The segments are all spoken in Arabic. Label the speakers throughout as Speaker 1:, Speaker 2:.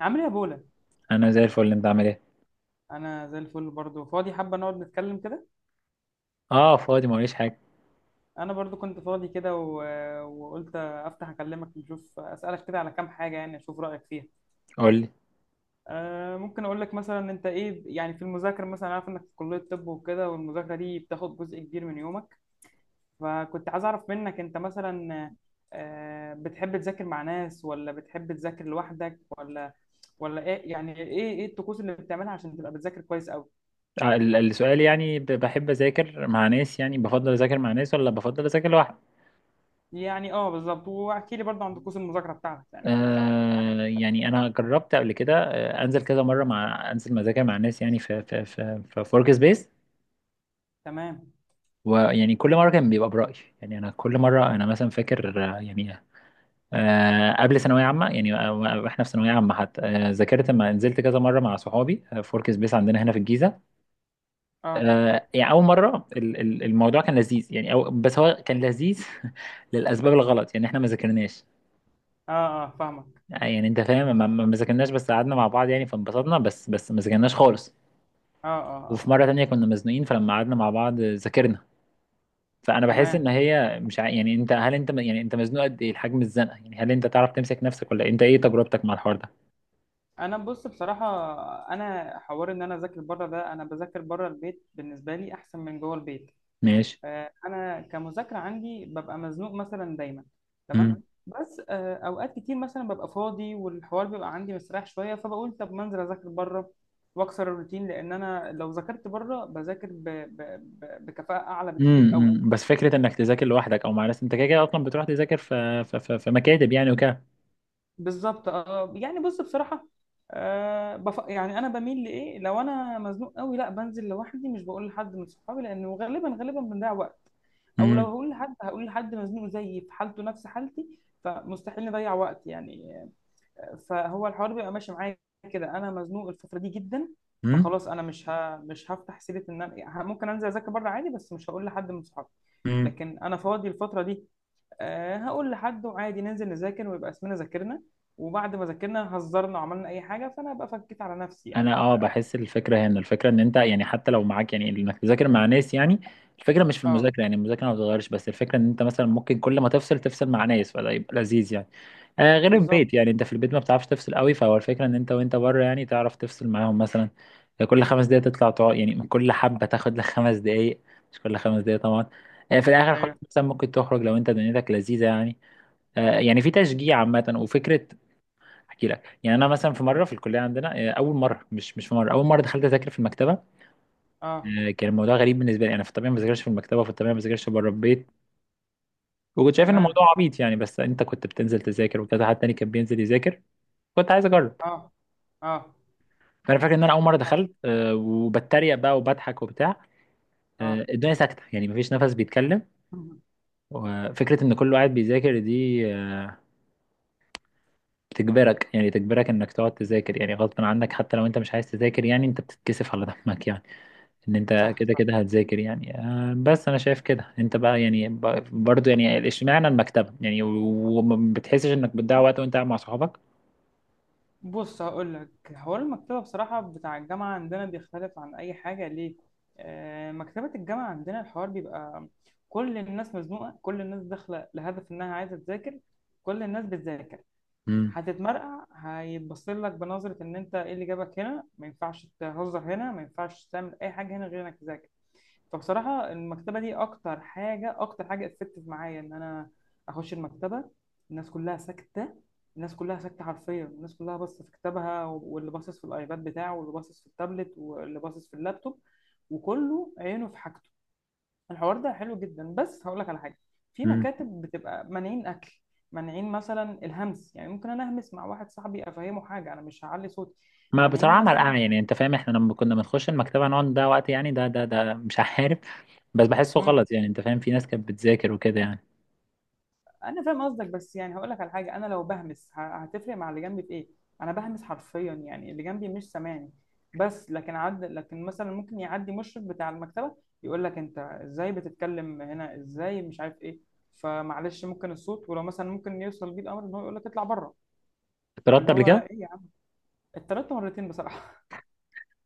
Speaker 1: عامل ايه يا بولا؟
Speaker 2: انا زي الفل. انت عامل ايه؟
Speaker 1: انا زي الفل برضو، فاضي حابه نقعد نتكلم كده.
Speaker 2: اه، فاضي ما وريش حاجه.
Speaker 1: انا برضو كنت فاضي كده وقلت افتح اكلمك نشوف اسالك كده على كام حاجه، يعني اشوف رايك فيها.
Speaker 2: قول لي.
Speaker 1: ممكن اقول لك مثلا انت ايه؟ يعني في المذاكره مثلا، عارف انك في كليه طب وكده، والمذاكره دي بتاخد جزء كبير من يومك. فكنت عايز اعرف منك انت مثلا، بتحب تذاكر مع ناس ولا بتحب تذاكر لوحدك ولا ايه؟ يعني ايه الطقوس اللي بتعملها عشان تبقى بتذاكر كويس؟
Speaker 2: السؤال، يعني بحب اذاكر مع ناس؟ يعني بفضل اذاكر مع ناس ولا بفضل اذاكر لوحدي؟
Speaker 1: يعني اه، بالظبط، واحكي لي برضه عن طقوس المذاكره بتاعتك، يعني وكده لو في حاجه تختلف.
Speaker 2: يعني انا جربت قبل كده، انزل كذا مره مع انزل مذاكر مع ناس، يعني في ورك سبيس.
Speaker 1: تمام.
Speaker 2: ويعني كل مره كان بيبقى برايي. يعني انا كل مره انا مثلا فاكر، يعني قبل ثانويه عامه، يعني، واحنا في ثانويه عامه حتى ذاكرت لما نزلت كذا مره مع صحابي، في ورك سبيس عندنا هنا في الجيزه.
Speaker 1: اه
Speaker 2: يعني اول مره الموضوع كان لذيذ، يعني، أو بس هو كان لذيذ للاسباب الغلط، يعني احنا ما ذاكرناش.
Speaker 1: اه اه، فاهمك.
Speaker 2: يعني انت فاهم، ما ذاكرناش، بس قعدنا مع بعض يعني، فانبسطنا بس ما ذاكرناش خالص.
Speaker 1: اه اه
Speaker 2: وفي
Speaker 1: اه.
Speaker 2: مره تانية كنا مزنوقين، فلما قعدنا مع بعض ذاكرنا. فانا بحس ان
Speaker 1: تمام.
Speaker 2: هي مش ع... يعني انت، هل انت يعني انت مزنوق قد ايه؟ الحجم، الزنقه، يعني هل انت تعرف تمسك نفسك ولا إيه؟ انت ايه تجربتك مع الحوار ده؟
Speaker 1: انا بص بصراحه، انا حوار ان انا اذاكر بره ده، انا بذاكر بره البيت بالنسبه لي احسن من جوه البيت.
Speaker 2: ماشي.
Speaker 1: انا كمذاكره عندي ببقى مزنوق مثلا دايما. تمام،
Speaker 2: امم
Speaker 1: بس اوقات كتير مثلا ببقى فاضي والحوار بيبقى عندي مستريح شويه، فبقول طب ما انزل اذاكر بره واكسر الروتين، لان انا لو ذاكرت بره بذاكر بكفاءه اعلى بكتير قوي.
Speaker 2: بس فكره انك تذاكر لوحدك او مع ناس، انت كده كده اصلا بتروح تذاكر في مكاتب يعني وكده.
Speaker 1: بالظبط اه، يعني بص بصراحه، يعني انا بميل لايه، لو انا مزنوق قوي لا بنزل لوحدي، مش بقول لحد من صحابي لانه غالبا غالبا بنضيع وقت. او لو هقول لحد، هقول لحد مزنوق زيي في حالته نفس حالتي فمستحيل نضيع وقت يعني. فهو الحوار بيبقى ماشي معايا. كده انا مزنوق الفتره دي جدا،
Speaker 2: امم
Speaker 1: فخلاص انا مش هفتح سيره ان انا ممكن انزل اذاكر بره عادي، بس مش هقول لحد من صحابي.
Speaker 2: مم.
Speaker 1: لكن انا فاضي الفتره دي، هقول لحد، وعادي ننزل نذاكر ويبقى اسمنا ذاكرنا، وبعد ما ذاكرنا هزرنا وعملنا اي حاجه، فانا ابقى فكيت على نفسي
Speaker 2: انا،
Speaker 1: يعني.
Speaker 2: اه،
Speaker 1: انت
Speaker 2: بحس الفكره هنا، الفكره ان انت يعني، حتى لو معاك، يعني انك تذاكر مع ناس، يعني الفكره مش في
Speaker 1: اه،
Speaker 2: المذاكره، يعني المذاكره ما بتتغيرش، بس الفكره ان انت مثلا ممكن كل ما تفصل تفصل مع ناس فده يبقى لذيذ يعني. غير
Speaker 1: بالظبط.
Speaker 2: البيت، يعني انت في البيت ما بتعرفش تفصل قوي، فهو الفكره ان انت وانت بره يعني تعرف تفصل معاهم مثلا. كل 5 دقايق تطلع تقعد، يعني من كل حبه تاخد لك 5 دقايق. مش كل خمس دقايق طبعا. في الاخر خالص
Speaker 1: ايوه.
Speaker 2: مثلا ممكن تخرج لو انت دنيتك لذيذه يعني. يعني في تشجيع عامه وفكره. احكي لك، يعني انا مثلا في مره في الكليه عندنا، اول مره، مش مش في مره اول مره دخلت اذاكر في المكتبه.
Speaker 1: اه
Speaker 2: كان الموضوع غريب بالنسبه لي، انا في الطبيعه ما بذاكرش في المكتبه، وفي الطبيعه ما بذاكرش بره البيت. وكنت شايف ان
Speaker 1: تمام.
Speaker 2: الموضوع عبيط يعني، بس انت كنت بتنزل تذاكر وكذا حد تاني كان بينزل يذاكر. كنت عايز اجرب.
Speaker 1: اه اه
Speaker 2: فانا فاكر ان انا اول مره
Speaker 1: اه
Speaker 2: دخلت، وبتريق بقى وبضحك وبتاع.
Speaker 1: اه.
Speaker 2: الدنيا ساكته، يعني مفيش نفس بيتكلم. وفكره ان كله قاعد بيذاكر دي بتجبرك، يعني تجبرك انك تقعد تذاكر يعني غصب عنك، حتى لو انت مش عايز تذاكر، يعني انت بتتكسف على دمك يعني ان انت
Speaker 1: صح
Speaker 2: كده
Speaker 1: صح.
Speaker 2: كده هتذاكر يعني. بس انا شايف كده. انت بقى يعني برضو، يعني اشمعنى المكتبة يعني، وما بتحسش انك بتضيع وقت وانت قاعد مع صحابك؟
Speaker 1: بص هقول لك، حوار المكتبه بصراحه بتاع الجامعه عندنا بيختلف عن اي حاجه، ليه؟ مكتبه الجامعه عندنا الحوار بيبقى، كل الناس مزنوقه، كل الناس داخله لهدف انها عايزه تذاكر، كل الناس بتذاكر.
Speaker 2: امم
Speaker 1: هتتمرقع، هيتبص لك بنظرة إن أنت إيه اللي جابك هنا، ما ينفعش تهزر هنا، ما ينفعش تعمل أي حاجة هنا غير إنك تذاكر. فبصراحة المكتبة دي أكتر حاجة، أكتر حاجة اتفتت معايا إن أنا أخش المكتبة. الناس كلها ساكتة. الناس كلها ساكتة حرفيا، الناس كلها باصة في كتابها، واللي باصص في الأيباد بتاعه، واللي باصص في التابلت، واللي باصص في اللابتوب، وكله عينه في حاجته. الحوار ده حلو جدا، بس هقول لك على حاجه. في
Speaker 2: امم
Speaker 1: مكاتب بتبقى مانعين اكل، مانعين مثلا الهمس، يعني ممكن انا اهمس مع واحد صاحبي افهمه حاجه، انا مش هعلي صوتي.
Speaker 2: ما
Speaker 1: مانعين
Speaker 2: بصراحة ملقعة
Speaker 1: مثلا.
Speaker 2: يعني، انت فاهم، احنا لما كنا بنخش المكتبة نقعد نضيع وقت يعني، ده مش عارف، بس بحسه
Speaker 1: مم.
Speaker 2: غلط يعني، انت فاهم، في ناس كانت بتذاكر وكده يعني.
Speaker 1: انا فاهم قصدك، بس يعني هقول لك على حاجه، انا لو بهمس هتفرق مع اللي جنبي في ايه؟ انا بهمس حرفيا، يعني اللي جنبي مش سامعني. بس لكن لكن مثلا ممكن يعدي مشرف بتاع المكتبه يقول لك انت ازاي بتتكلم هنا، ازاي مش عارف ايه. فمعلش ممكن الصوت، ولو مثلا ممكن يوصل بيه الامر ان هو يقول لك اطلع بره.
Speaker 2: اتطردت
Speaker 1: اللي
Speaker 2: قبل
Speaker 1: هو
Speaker 2: كده.
Speaker 1: ايه، اتطردت مرتين بصراحه.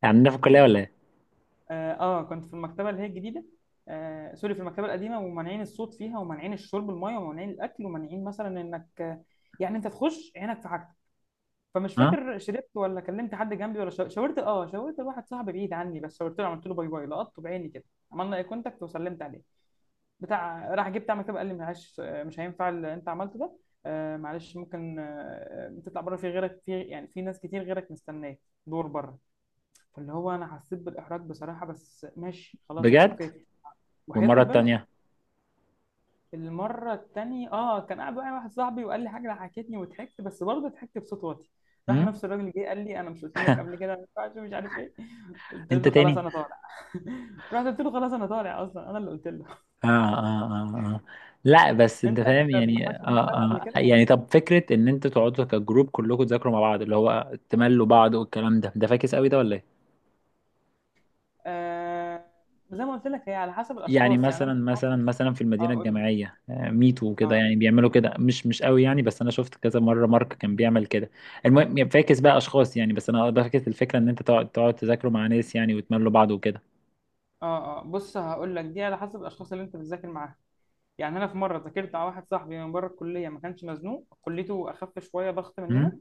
Speaker 2: يعني عندنا في الكلية ولا ايه؟
Speaker 1: اه، كنت في المكتبه اللي هي الجديده. سوري، في المكتبه القديمه، ومانعين الصوت فيها، ومانعين الشرب الميه، ومانعين الاكل، ومانعين مثلا انك يعني انت تخش عينك في حاجتك. فمش
Speaker 2: ها.
Speaker 1: فاكر، شربت ولا كلمت حد جنبي ولا شاورت واحد صاحبي بعيد عني، بس شاورت له، عملت له باي باي، لقطته بعيني كده. عملنا اي كونتاكت وسلمت عليه. بتاع راح جه بتاع مكتبه قال لي معلش، مش هينفع اللي انت عملته ده. معلش، ممكن تطلع بره، في غيرك، في يعني في ناس كتير غيرك مستناك. دور بره. فاللي هو انا حسيت بالاحراج بصراحه، بس ماشي خلاص، اتس
Speaker 2: بجد.
Speaker 1: اوكي. وحياة
Speaker 2: والمرة
Speaker 1: ربنا.
Speaker 2: التانية؟
Speaker 1: المره التانية كان قاعد معايا واحد صاحبي وقال لي حاجه ضحكتني وضحكت، بس برضه ضحكت بصوت واطي. راح
Speaker 2: امم.
Speaker 1: نفس الراجل جه قال لي انا مش قلت لك قبل كده ما ينفعش مش عارف ايه. قلت
Speaker 2: انت
Speaker 1: له خلاص
Speaker 2: تاني؟
Speaker 1: انا طالع. رحت قلت له خلاص انا طالع، اصلا انا اللي قلت له.
Speaker 2: اه، اه، اه، اه، لا بس انت
Speaker 1: انت
Speaker 2: فاهم
Speaker 1: انت
Speaker 2: يعني،
Speaker 1: دخلت في المكتبه قبل
Speaker 2: اه،
Speaker 1: كده
Speaker 2: اه،
Speaker 1: ولا
Speaker 2: يعني
Speaker 1: لا؟
Speaker 2: طب فكرة ان انتوا تقعدوا كجروب كلكم تذاكروا مع بعض، اللي هو تملوا بعض، والكلام ده، ده فاكس قوي ده ولا ايه؟
Speaker 1: آه، زي ما قلت لك هي على حسب
Speaker 2: يعني
Speaker 1: الاشخاص، يعني انا
Speaker 2: مثلا
Speaker 1: في
Speaker 2: مثلا
Speaker 1: مره.
Speaker 2: مثلا في
Speaker 1: اه
Speaker 2: المدينة
Speaker 1: قول لي.
Speaker 2: الجامعية، ميتو وكده،
Speaker 1: اه
Speaker 2: يعني بيعملوا كده مش قوي يعني، بس انا شفت كذا مرة مارك كان بيعمل كده. المهم، يعني فاكس بقى اشخاص يعني، بس انا فاكس الفكرة ان انت تقعد تذاكروا مع ناس يعني، وتملوا بعض وكده.
Speaker 1: اه اه. بص هقول لك، دي على حسب الاشخاص اللي انت بتذاكر معاهم. يعني انا في مره ذاكرت على واحد صاحبي من بره الكليه، ما كانش مزنوق، كليته اخف شويه ضغط مننا.
Speaker 2: امم،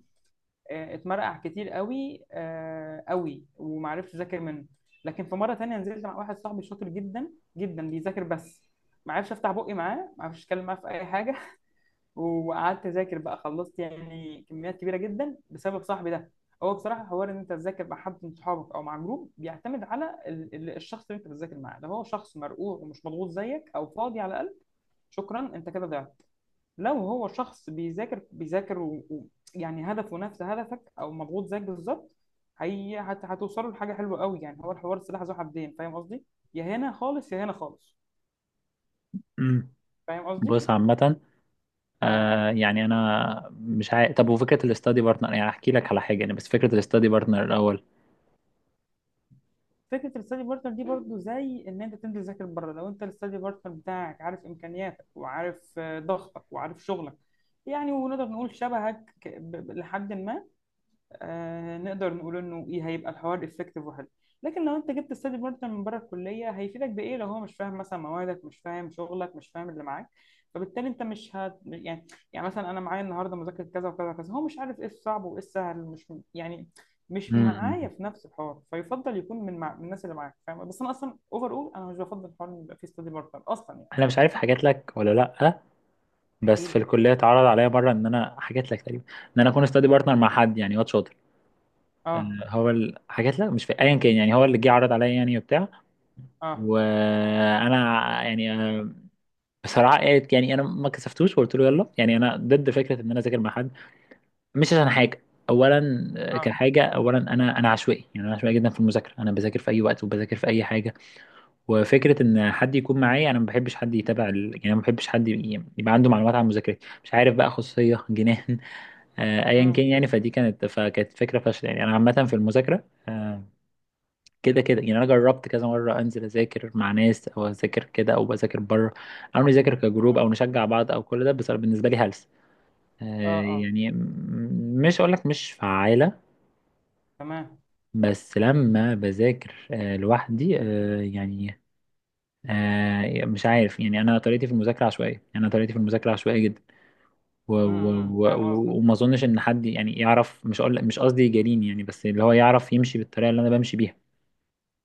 Speaker 1: اتمرقع كتير قوي قوي، وما عرفش اذاكر منه. لكن في مره تانية نزلت مع واحد صاحبي شاطر جدا، جدا بيذاكر بس. ما عرفش افتح بقي معاه، ما عرفش اتكلم معاه في اي حاجه. وقعدت اذاكر بقى، خلصت يعني كميات كبيره جدا بسبب صاحبي ده. هو بصراحه، حوار ان انت تذاكر مع حد من صحابك او مع جروب بيعتمد على الشخص اللي انت بتذاكر معاه. لو هو شخص مرقوع ومش مضغوط زيك او فاضي على الاقل. شكرا انت كده ضعت. لو هو شخص بيذاكر بيذاكر يعني هدفه نفس هدفك او مضغوط زيك بالظبط، هي هتوصلوا لحاجه حلوه قوي يعني. هو الحوار سلاح ذو حدين، فاهم قصدي؟ يا هنا خالص يا هنا خالص.
Speaker 2: امم.
Speaker 1: فاهم قصدي؟
Speaker 2: بص عامة،
Speaker 1: اه،
Speaker 2: يعني انا مش عارف. طب وفكره الاستادي بارتنر، يعني احكي لك على حاجه يعني، بس فكره الاستادي بارتنر الاول.
Speaker 1: فكره الستادي بارتنر دي برضو زي ان انت تنزل تذاكر بره. لو انت الستادي بارتنر بتاعك عارف امكانياتك، وعارف ضغطك، وعارف شغلك، يعني ونقدر نقول شبهك لحد ما، نقدر نقول انه ايه، هيبقى الحوار افكتيف وحلو. لكن لو انت جبت ستادي بارتنر من بره الكليه هيفيدك بايه لو هو مش فاهم مثلا موادك، مش فاهم شغلك، مش فاهم اللي معاك. فبالتالي انت مش هت يعني، يعني مثلا انا معايا النهارده مذاكره كذا وكذا وكذا، هو مش عارف ايه الصعب وايه السهل، مش يعني، مش معايا
Speaker 2: امم.
Speaker 1: في نفس الحوار. فيفضل يكون من الناس اللي معاك فاهم. بس انا اصلا اوفر، اول انا مش بفضل حوار ان يبقى فيه ستادي بارتنر اصلا يعني.
Speaker 2: انا مش عارف حكيت لك ولا لا،
Speaker 1: احكي
Speaker 2: بس في
Speaker 1: لي.
Speaker 2: الكليه اتعرض عليا مره، ان انا، حكيت لك تقريبا، ان انا اكون استادي بارتنر مع حد يعني، واد شاطر. آه.
Speaker 1: اه
Speaker 2: هو حكيت لك، مش في ايا كان يعني، هو اللي جه عرض عليا يعني وبتاع.
Speaker 1: اه
Speaker 2: وانا، يعني، بصراحه، يعني انا ما كسفتوش وقلت له يلا. يعني انا ضد فكره ان انا اذاكر مع حد، مش عشان حاجة. أولا،
Speaker 1: اه.
Speaker 2: كحاجة أولا، أنا عشوائي، يعني أنا عشوائي جدا في المذاكرة، أنا بذاكر في أي وقت وبذاكر في أي حاجة. وفكرة إن حد يكون معايا، أنا ما بحبش حد يتابع يعني ما بحبش حد يبقى عنده معلومات عن مذاكرتي، مش عارف بقى، خصوصية جنان. أيا كان
Speaker 1: امم.
Speaker 2: يعني، فدي كانت، فكانت فكرة فاشلة يعني. أنا عامة في المذاكرة، كده كده يعني، أنا جربت كذا مرة أنزل أذاكر مع ناس أو أذاكر كده، أو بذاكر بره، أو نذاكر كجروب،
Speaker 1: اه
Speaker 2: أو نشجع بعض، أو كل ده، بس بالنسبة لي هلس.
Speaker 1: اه،
Speaker 2: يعني مش هقول لك مش فعالة.
Speaker 1: تمام.
Speaker 2: بس لما بذاكر لوحدي، يعني مش عارف يعني، انا طريقتي في المذاكره عشوائيه، يعني انا طريقتي في المذاكره عشوائيه جدا.
Speaker 1: فاهم قصدك.
Speaker 2: وما اظنش ان حد يعني يعرف، مش أقول مش قصدي يجاريني يعني، بس اللي هو يعرف يمشي بالطريقه اللي انا بمشي بيها.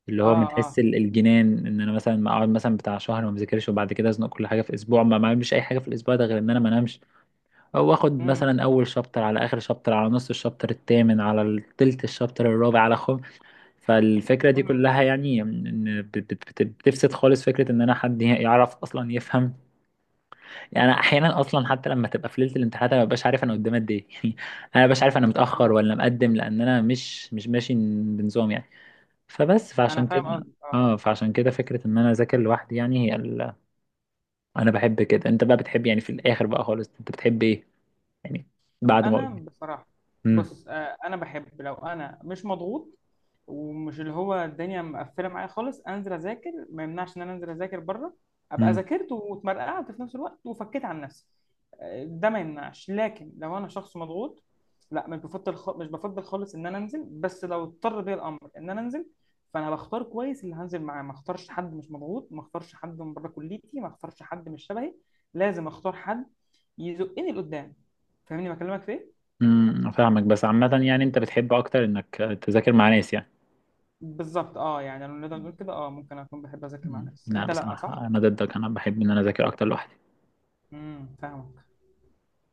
Speaker 2: اللي هو
Speaker 1: اه
Speaker 2: من حس
Speaker 1: اه.
Speaker 2: الجنان، ان انا مثلا ما اقعد مثلا بتاع شهر ما بذاكرش وبعد كده ازنق كل حاجه في اسبوع، ما اعملش اي حاجه في الاسبوع ده غير ان انا ما انامش. او اخد
Speaker 1: امم
Speaker 2: مثلا اول شابتر على اخر شابتر على نص الشابتر الثامن على تلت الشابتر الرابع على خمس. فالفكرة دي كلها
Speaker 1: أمم.
Speaker 2: يعني إن بتفسد خالص فكرة إن أنا حد يعرف أصلا يفهم. يعني أنا أحيانا أصلا، حتى لما تبقى في ليلة الامتحانات، أنا مببقاش عارف أنا قدام قد إيه يعني. أنا مببقاش عارف أنا متأخر
Speaker 1: اه.
Speaker 2: ولا مقدم، لأن أنا مش ماشي بنظام يعني. فبس
Speaker 1: انا
Speaker 2: فعشان
Speaker 1: فاهم
Speaker 2: كده.
Speaker 1: قصدك اه.
Speaker 2: اه، فعشان كده فكرة إن أنا أذاكر لوحدي، يعني هي أنا بحب كده. أنت بقى بتحب، يعني في الآخر بقى خالص، أنت بتحب إيه يعني، بعد ما
Speaker 1: انا
Speaker 2: قلت؟
Speaker 1: بصراحه.
Speaker 2: امم.
Speaker 1: بص، انا بحب لو انا مش مضغوط ومش اللي هو الدنيا مقفله معايا خالص انزل اذاكر، ما يمنعش ان انا انزل اذاكر بره، ابقى ذاكرت واتمرقعت في نفس الوقت وفكيت عن نفسي. ده ما يمنعش، لكن لو انا شخص مضغوط لا، مش بفضل مش بفضل خالص ان انا انزل. بس لو اضطر بيا الامر ان انا انزل، فانا بختار كويس اللي هنزل معاه، ما اختارش حد مش مضغوط، ما اختارش حد من بره كليتي، ما اختارش حد مش شبهي. لازم اختار حد يزقني لقدام. فاهمني بكلمك في ايه؟
Speaker 2: امم، فاهمك. بس عامة، يعني أنت بتحب أكتر إنك تذاكر مع ناس يعني؟
Speaker 1: بالظبط اه، يعني لو نقدر نقول كده، اه ممكن اكون بحب اذاكر مع
Speaker 2: مم.
Speaker 1: ناس،
Speaker 2: لا،
Speaker 1: انت لا، صح؟
Speaker 2: بصراحة أنا ضدك، أنا بحب إن أنا أذاكر أكتر لوحدي.
Speaker 1: فاهمك.